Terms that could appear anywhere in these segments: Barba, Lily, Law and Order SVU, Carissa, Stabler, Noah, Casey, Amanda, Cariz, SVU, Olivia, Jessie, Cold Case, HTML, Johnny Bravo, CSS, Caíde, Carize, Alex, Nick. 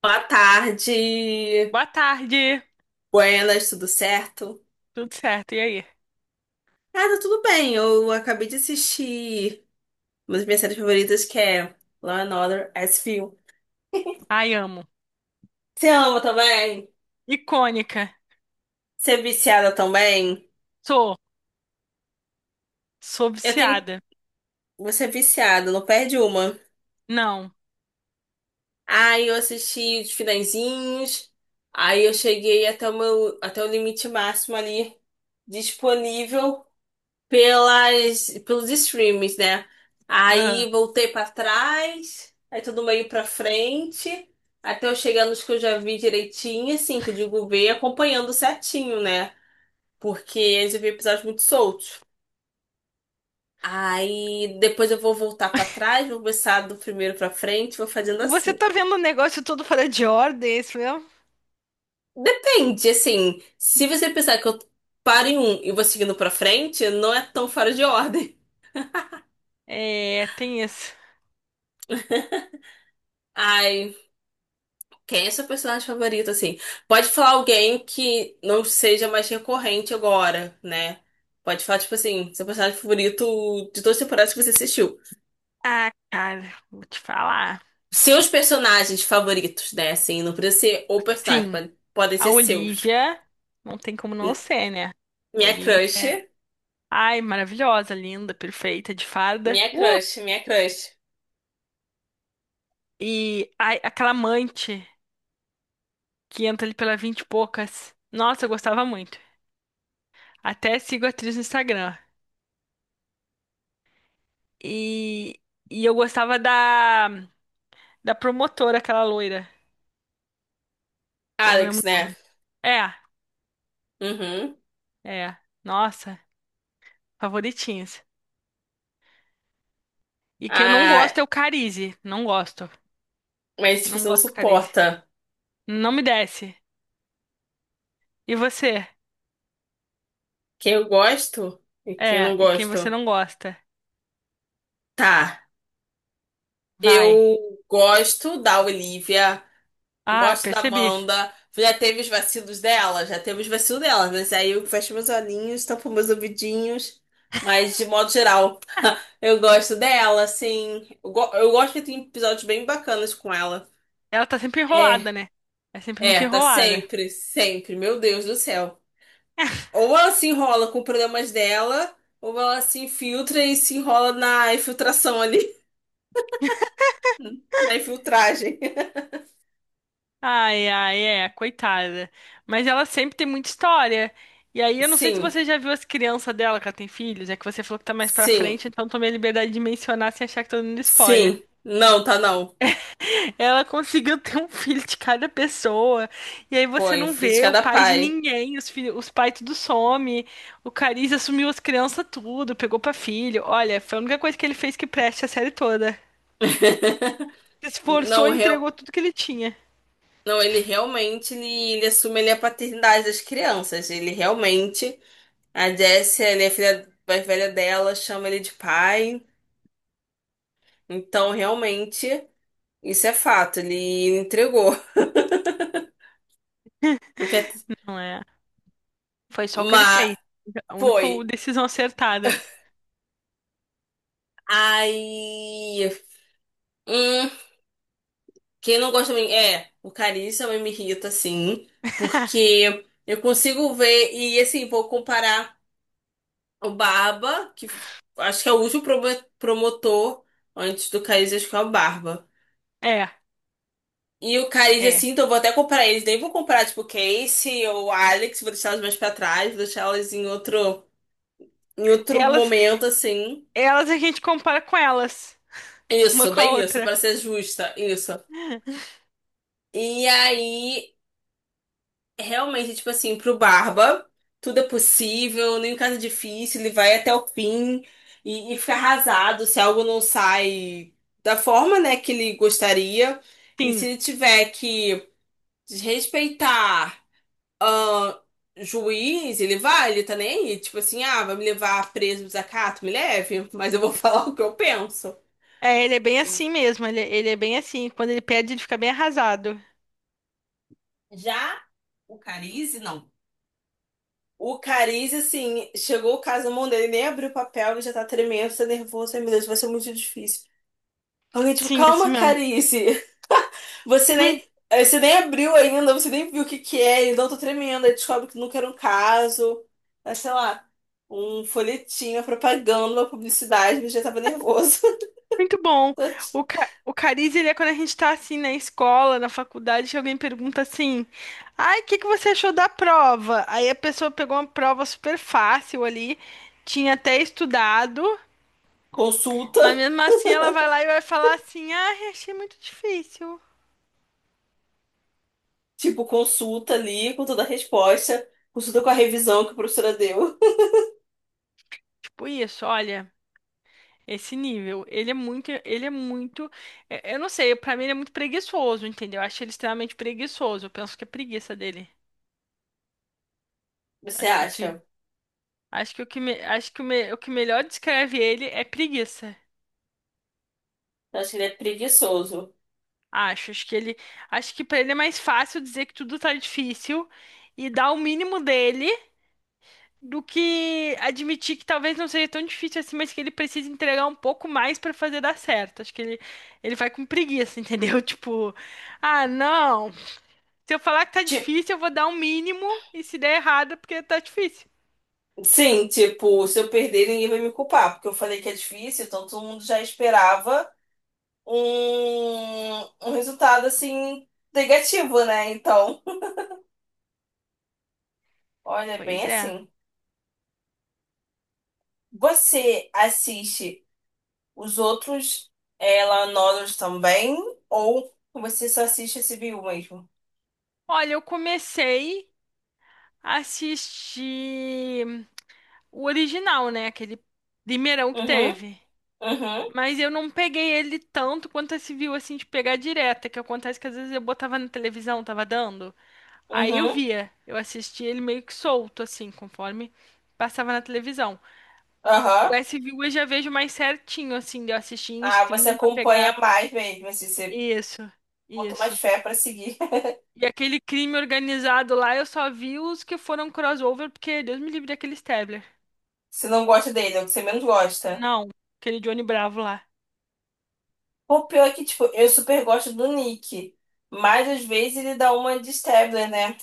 Boa tarde, Boa tarde. buenas, tudo certo? Tudo certo, e aí? Ah, tá tudo bem, eu acabei de assistir uma das minhas séries favoritas que é Law and Order SVU. Ai, amo. Você ama também? Icônica. Você é viciada também? Sou. Sou Eu tenho... viciada. Você é viciada, não perde uma. Não. Aí eu assisti os finalzinhos, aí eu cheguei até o meu... até o limite máximo ali disponível pelos streams, né? Aham. Aí voltei pra trás, aí tudo meio pra frente, até eu chegar nos que eu já vi direitinho, assim, que eu digo ver, acompanhando certinho, né? Porque eles vi episódios muito soltos. Aí depois eu vou voltar pra trás, vou começar do primeiro pra frente, vou fazendo Você assim. tá vendo o negócio todo fora de ordem, é isso mesmo? Depende, assim, se você pensar que eu paro em um e vou seguindo pra frente, não é tão fora de ordem. É, tem isso. Ai, quem é seu personagem favorito, assim? Pode falar alguém que não seja mais recorrente agora, né? Pode falar, tipo assim, seu personagem favorito de todas as temporadas que você assistiu. Ah, cara, vou te falar. Seus personagens favoritos, né? Assim, não precisa ser o personagem, Sim, podem a ser seus. Olivia não tem como não ser, né? Minha Olivia crush, é. Ai, maravilhosa, linda, perfeita, de farda. minha crush, minha crush. E ai, aquela amante que entra ali pela vinte e poucas. Nossa, eu gostava muito. Até sigo a atriz no Instagram. E, e eu gostava da promotora, aquela loira, que eu não Alex, lembro o né? nome. É, Uhum. é. Nossa, favoritinhas. E quem eu não gosto Ah, é o Carize. Não gosto. mas tipo, Não você não gosto do Carize. suporta. Não me desce. E você? Quem eu gosto e quem É, não e quem você gosto. não gosta? Tá. Vai. Eu gosto da Olivia. Ah, Gosto da percebi. Amanda. Já teve os vacilos dela, já teve os vacilos dela, mas aí eu fecho meus olhinhos, tampo meus ouvidinhos. Mas de modo geral, eu gosto dela, assim. Eu gosto que tem episódios bem bacanas com ela. Ela tá sempre É, enrolada, né? É sempre muito tá enrolada. sempre, sempre. Meu Deus do céu. Ou ela se enrola com problemas dela, ou ela se infiltra e se enrola na infiltração ali, na infiltragem. Ai, ai, é, coitada. Mas ela sempre tem muita história. E aí, eu não sei se Sim, você já viu as crianças dela, que ela tem filhos, é que você falou que tá mais pra sim, frente, então tomei a liberdade de mencionar sem achar que tô dando spoiler. sim. Não, tá não. Ela conseguiu ter um filho de cada pessoa, e aí você Foi, não vê física o da pai de pai. ninguém, os filhos, os pais tudo some, o Cariz assumiu as crianças tudo, pegou pra filho. Olha, foi a única coisa que ele fez que preste a série toda. Se esforçou Não, e real, entregou tudo que ele tinha. não, ele realmente ele assume ele é a paternidade das crianças. Ele realmente, a Jessie, ele é filha mais velha dela, chama ele de pai. Então, realmente, isso é fato. Ele entregou. Porque, Não é? Foi só o que ele mas fez. A única foi. decisão acertada. Aí, hum, quem não gosta de mim é o Carissa, mas me irrita assim, porque eu consigo ver e assim vou comparar. O Barba, que acho que é o último promotor antes do Caíde, acho que é o Barba. É, E o Caíde, é. assim, então eu vou até comprar eles. Nem vou comprar tipo, Casey ou Alex, vou deixar elas mais pra trás, vou deixar elas em outro Elas, momento, assim. elas a gente compara com elas, uma Isso, com a bem isso, outra. pra ser justa, isso. E aí. Realmente, tipo assim, pro Barba, tudo é possível, nem caso é difícil, ele vai até o fim e fica arrasado se algo não sai da forma, né, que ele gostaria. E Sim. se ele tiver que desrespeitar ahn, juiz, ele vai, ele tá nem aí. Tipo assim, ah, vai me levar preso, no desacato, me leve, mas eu vou falar o que eu penso. É, ele é bem assim mesmo. Ele é bem assim. Quando ele perde, ele fica bem arrasado. Já o Carize, não. O Cariz, assim, chegou o caso na mão dele, nem abriu o papel, ele já tá tremendo, tá nervoso. Ai, meu Deus, vai ser muito difícil. Alguém, tipo, Sim, assim calma, mesmo. Cariz. Você Hum, nem, você nem abriu ainda, você nem viu o que que é, então eu tô tremendo. Aí descobre que nunca era um caso, mas sei lá, um folhetinho, uma propaganda, uma publicidade, ele já tava nervoso. muito bom. O, ca, o cariz, ele é quando a gente tá assim na escola, na faculdade, que alguém pergunta assim: ai, o que que você achou da prova? Aí a pessoa pegou uma prova super fácil ali, tinha até estudado. Consulta, Mas mesmo assim ela vai lá e vai falar assim: "Ah, achei muito difícil". tipo, consulta ali com toda a resposta, consulta com a revisão que a professora deu. Tipo isso, olha, esse nível, ele é muito, é, eu não sei, pra mim ele é muito preguiçoso, entendeu? Eu acho ele extremamente preguiçoso. Eu penso que é preguiça dele. Você Acho que o que, acha? acho que o que, me- acho que o, me- O que melhor descreve ele é preguiça. Eu acho que ele é preguiçoso. Acho, acho que ele, acho que pra ele é mais fácil dizer que tudo tá difícil e dar o mínimo dele do que admitir que talvez não seja tão difícil assim, mas que ele precisa entregar um pouco mais pra fazer dar certo. Acho que ele vai com preguiça, entendeu? Tipo, ah, não. Se eu falar que tá Ti- difícil, eu vou dar um mínimo e se der errado, é porque tá difícil. sim, tipo, se eu perder, ninguém vai me culpar, porque eu falei que é difícil, então todo mundo já esperava um resultado assim negativo, né? Então, olha, é bem Pois é. assim. Você assiste os outros ela nodos também, ou você só assiste esse CBU mesmo? Olha, eu comecei a assistir o original, né? Aquele primeirão que Uhum, teve. uhum, Mas eu não peguei ele tanto quanto esse viu assim de pegar direta, que acontece que às vezes eu botava na televisão, tava dando. Aí eu uhum, via, eu assistia ele meio que solto, assim, conforme passava na televisão. O aham. S SVU eu já vejo mais certinho, assim, de eu assistir em Ah, você streaming pra acompanha pegar. mais mesmo, assim, você Isso, bota mais isso. fé pra seguir. E aquele crime organizado lá, eu só vi os que foram crossover, porque Deus me livre daquele Stabler. Você não gosta dele, é o que você menos gosta. Não, aquele Johnny Bravo lá. O pior é que, tipo, eu super gosto do Nick, mas às vezes ele dá uma de Stabler, né?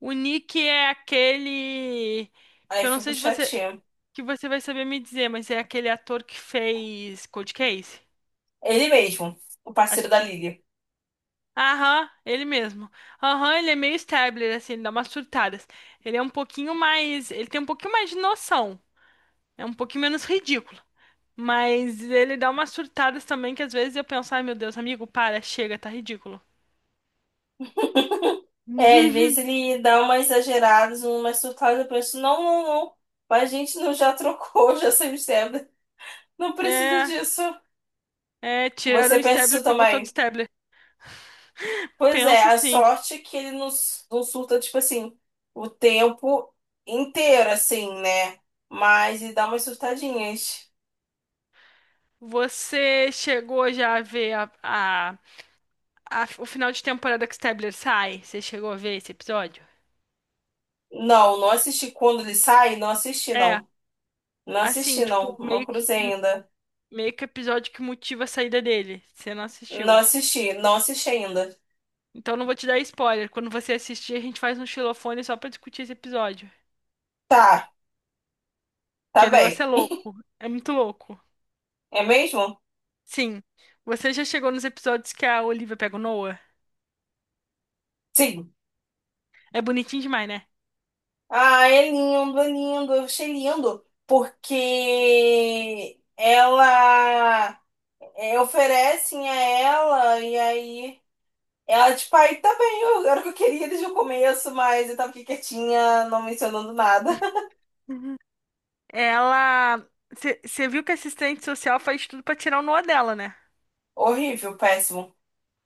O Nick é aquele Aí que eu eu não fico sei se você chateada. que você vai saber me dizer, mas é aquele ator que fez Cold Case. Ele mesmo, o parceiro Acho da que Lily. aham, ele mesmo. Aham, ele é meio Stabler, assim, ele dá umas surtadas. Ele é um pouquinho mais. Ele tem um pouquinho mais de noção. É um pouquinho menos ridículo. Mas ele dá umas surtadas também que às vezes eu penso, ai meu Deus, amigo, para, chega, tá ridículo. É, às vezes ele dá umas exageradas, umas surtadas, eu penso, não, não, não, mas a gente não já trocou, já saiu Stabler. Não precisa É, disso. é, tiraram Você o pensa isso Stabler pra botar outro também? Stabler. Pois é, Penso a assim. sorte é que ele não, s- não surta, tipo assim, o tempo inteiro, assim, né? Mas ele dá umas surtadinhas. Você chegou já a ver o final de temporada que o Stabler sai? Você chegou a ver esse episódio? Não, não assisti quando ele sai, não assisti É, não. Não assim, assisti não, tipo, não meio cruzei ainda. meio que o episódio que motiva a saída dele. Você não Não assistiu. assisti, não assisti ainda. Então não vou te dar spoiler. Quando você assistir, a gente faz um xilofone só pra discutir esse episódio. Tá, tá Que o negócio bem. é louco. É muito louco. É mesmo? Sim. Você já chegou nos episódios que a Olivia pega o Noah? Sim. É bonitinho demais, né? Ah, é lindo, é lindo. Eu achei lindo porque oferecem a ela e aí ela tipo, aí tá bem, era o que eu queria desde o começo, mas eu tava aqui quietinha, não mencionando nada. Ela. Você viu que a assistente social faz tudo pra tirar o Noah dela, né? Horrível, péssimo,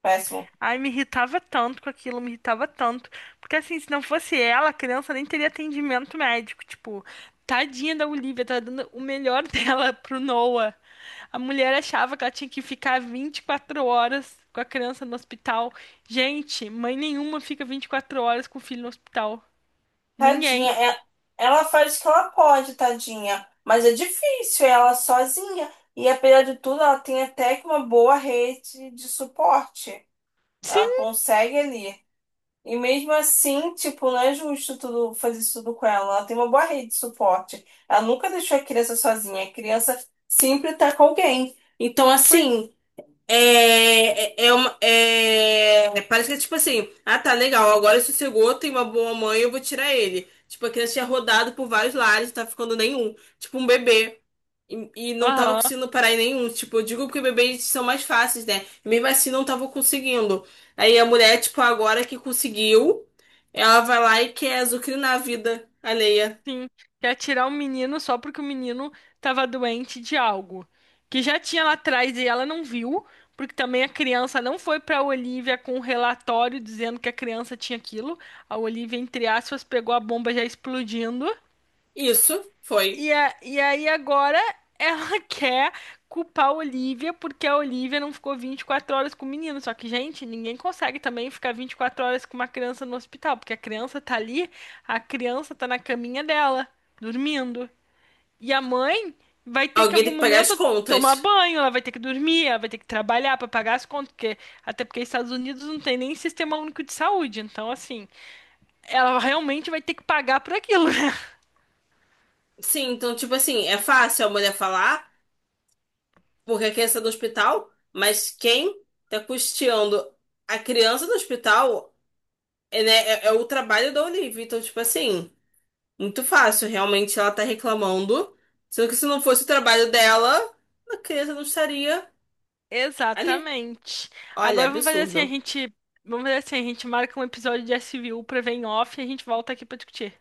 péssimo. Ai, me irritava tanto com aquilo, me irritava tanto. Porque assim, se não fosse ela, a criança nem teria atendimento médico. Tipo, tadinha da Olivia, tá dando o melhor dela pro Noah. A mulher achava que ela tinha que ficar 24 horas com a criança no hospital. Gente, mãe nenhuma fica 24 horas com o filho no hospital. Ninguém. Tadinha, é- ela faz o que ela pode, tadinha. Mas é difícil, é ela sozinha. E apesar de tudo, ela tem até que uma boa rede de suporte. Sim, Ela consegue ali. E mesmo assim, tipo, não é justo tudo, fazer isso tudo com ela. Ela tem uma boa rede de suporte. Ela nunca deixou a criança sozinha. A criança sempre tá com alguém. Então, foi. assim. É, parece que é tipo assim, ah tá legal, agora sossegou, tem uma boa mãe, eu vou tirar ele. Tipo, a criança tinha rodado por vários lares, não tava ficando nenhum. Tipo, um bebê. E não tava Aham. conseguindo parar em nenhum. Tipo, eu digo porque bebês são mais fáceis, né? E mesmo assim não tava conseguindo. Aí a mulher, tipo, agora que conseguiu, ela vai lá e quer azucrinar a vida alheia. Sim, quer tirar o menino só porque o menino tava doente de algo que já tinha lá atrás e ela não viu, porque também a criança não foi pra Olivia com um relatório dizendo que a criança tinha aquilo. A Olivia, entre aspas, pegou a bomba já explodindo Isso foi. e, a- e aí agora ela quer culpar a Olivia porque a Olivia não ficou 24 horas com o menino. Só que, gente, ninguém consegue também ficar 24 horas com uma criança no hospital, porque a criança tá ali, a criança tá na caminha dela, dormindo. E a mãe vai ter que em Alguém tem algum que pagar as momento tomar contas. banho, ela vai ter que dormir, ela vai ter que trabalhar pra pagar as contas, porque até porque os Estados Unidos não tem nem sistema único de saúde. Então, assim, ela realmente vai ter que pagar por aquilo, né? Sim, então, tipo assim, é fácil a mulher falar. Porque a criança é do hospital, mas quem tá custeando a criança do hospital é, né, é o trabalho da Olivia. Então, tipo assim, muito fácil. Realmente ela tá reclamando. Sendo que se não fosse o trabalho dela, a criança não estaria ali. Exatamente. Olha, Agora vamos fazer assim, a absurdo. gente, vamos fazer assim, a gente marca um episódio de S SVU pra ver em off e a gente volta aqui pra discutir.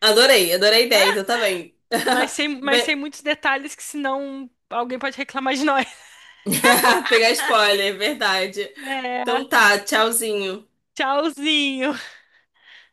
Adorei, adorei a ideia, então tá bem. Mas sem, mas sem Bem- muitos detalhes, que senão alguém pode reclamar de nós. pegar spoiler, é verdade. É, Então tá, tchauzinho. tchauzinho.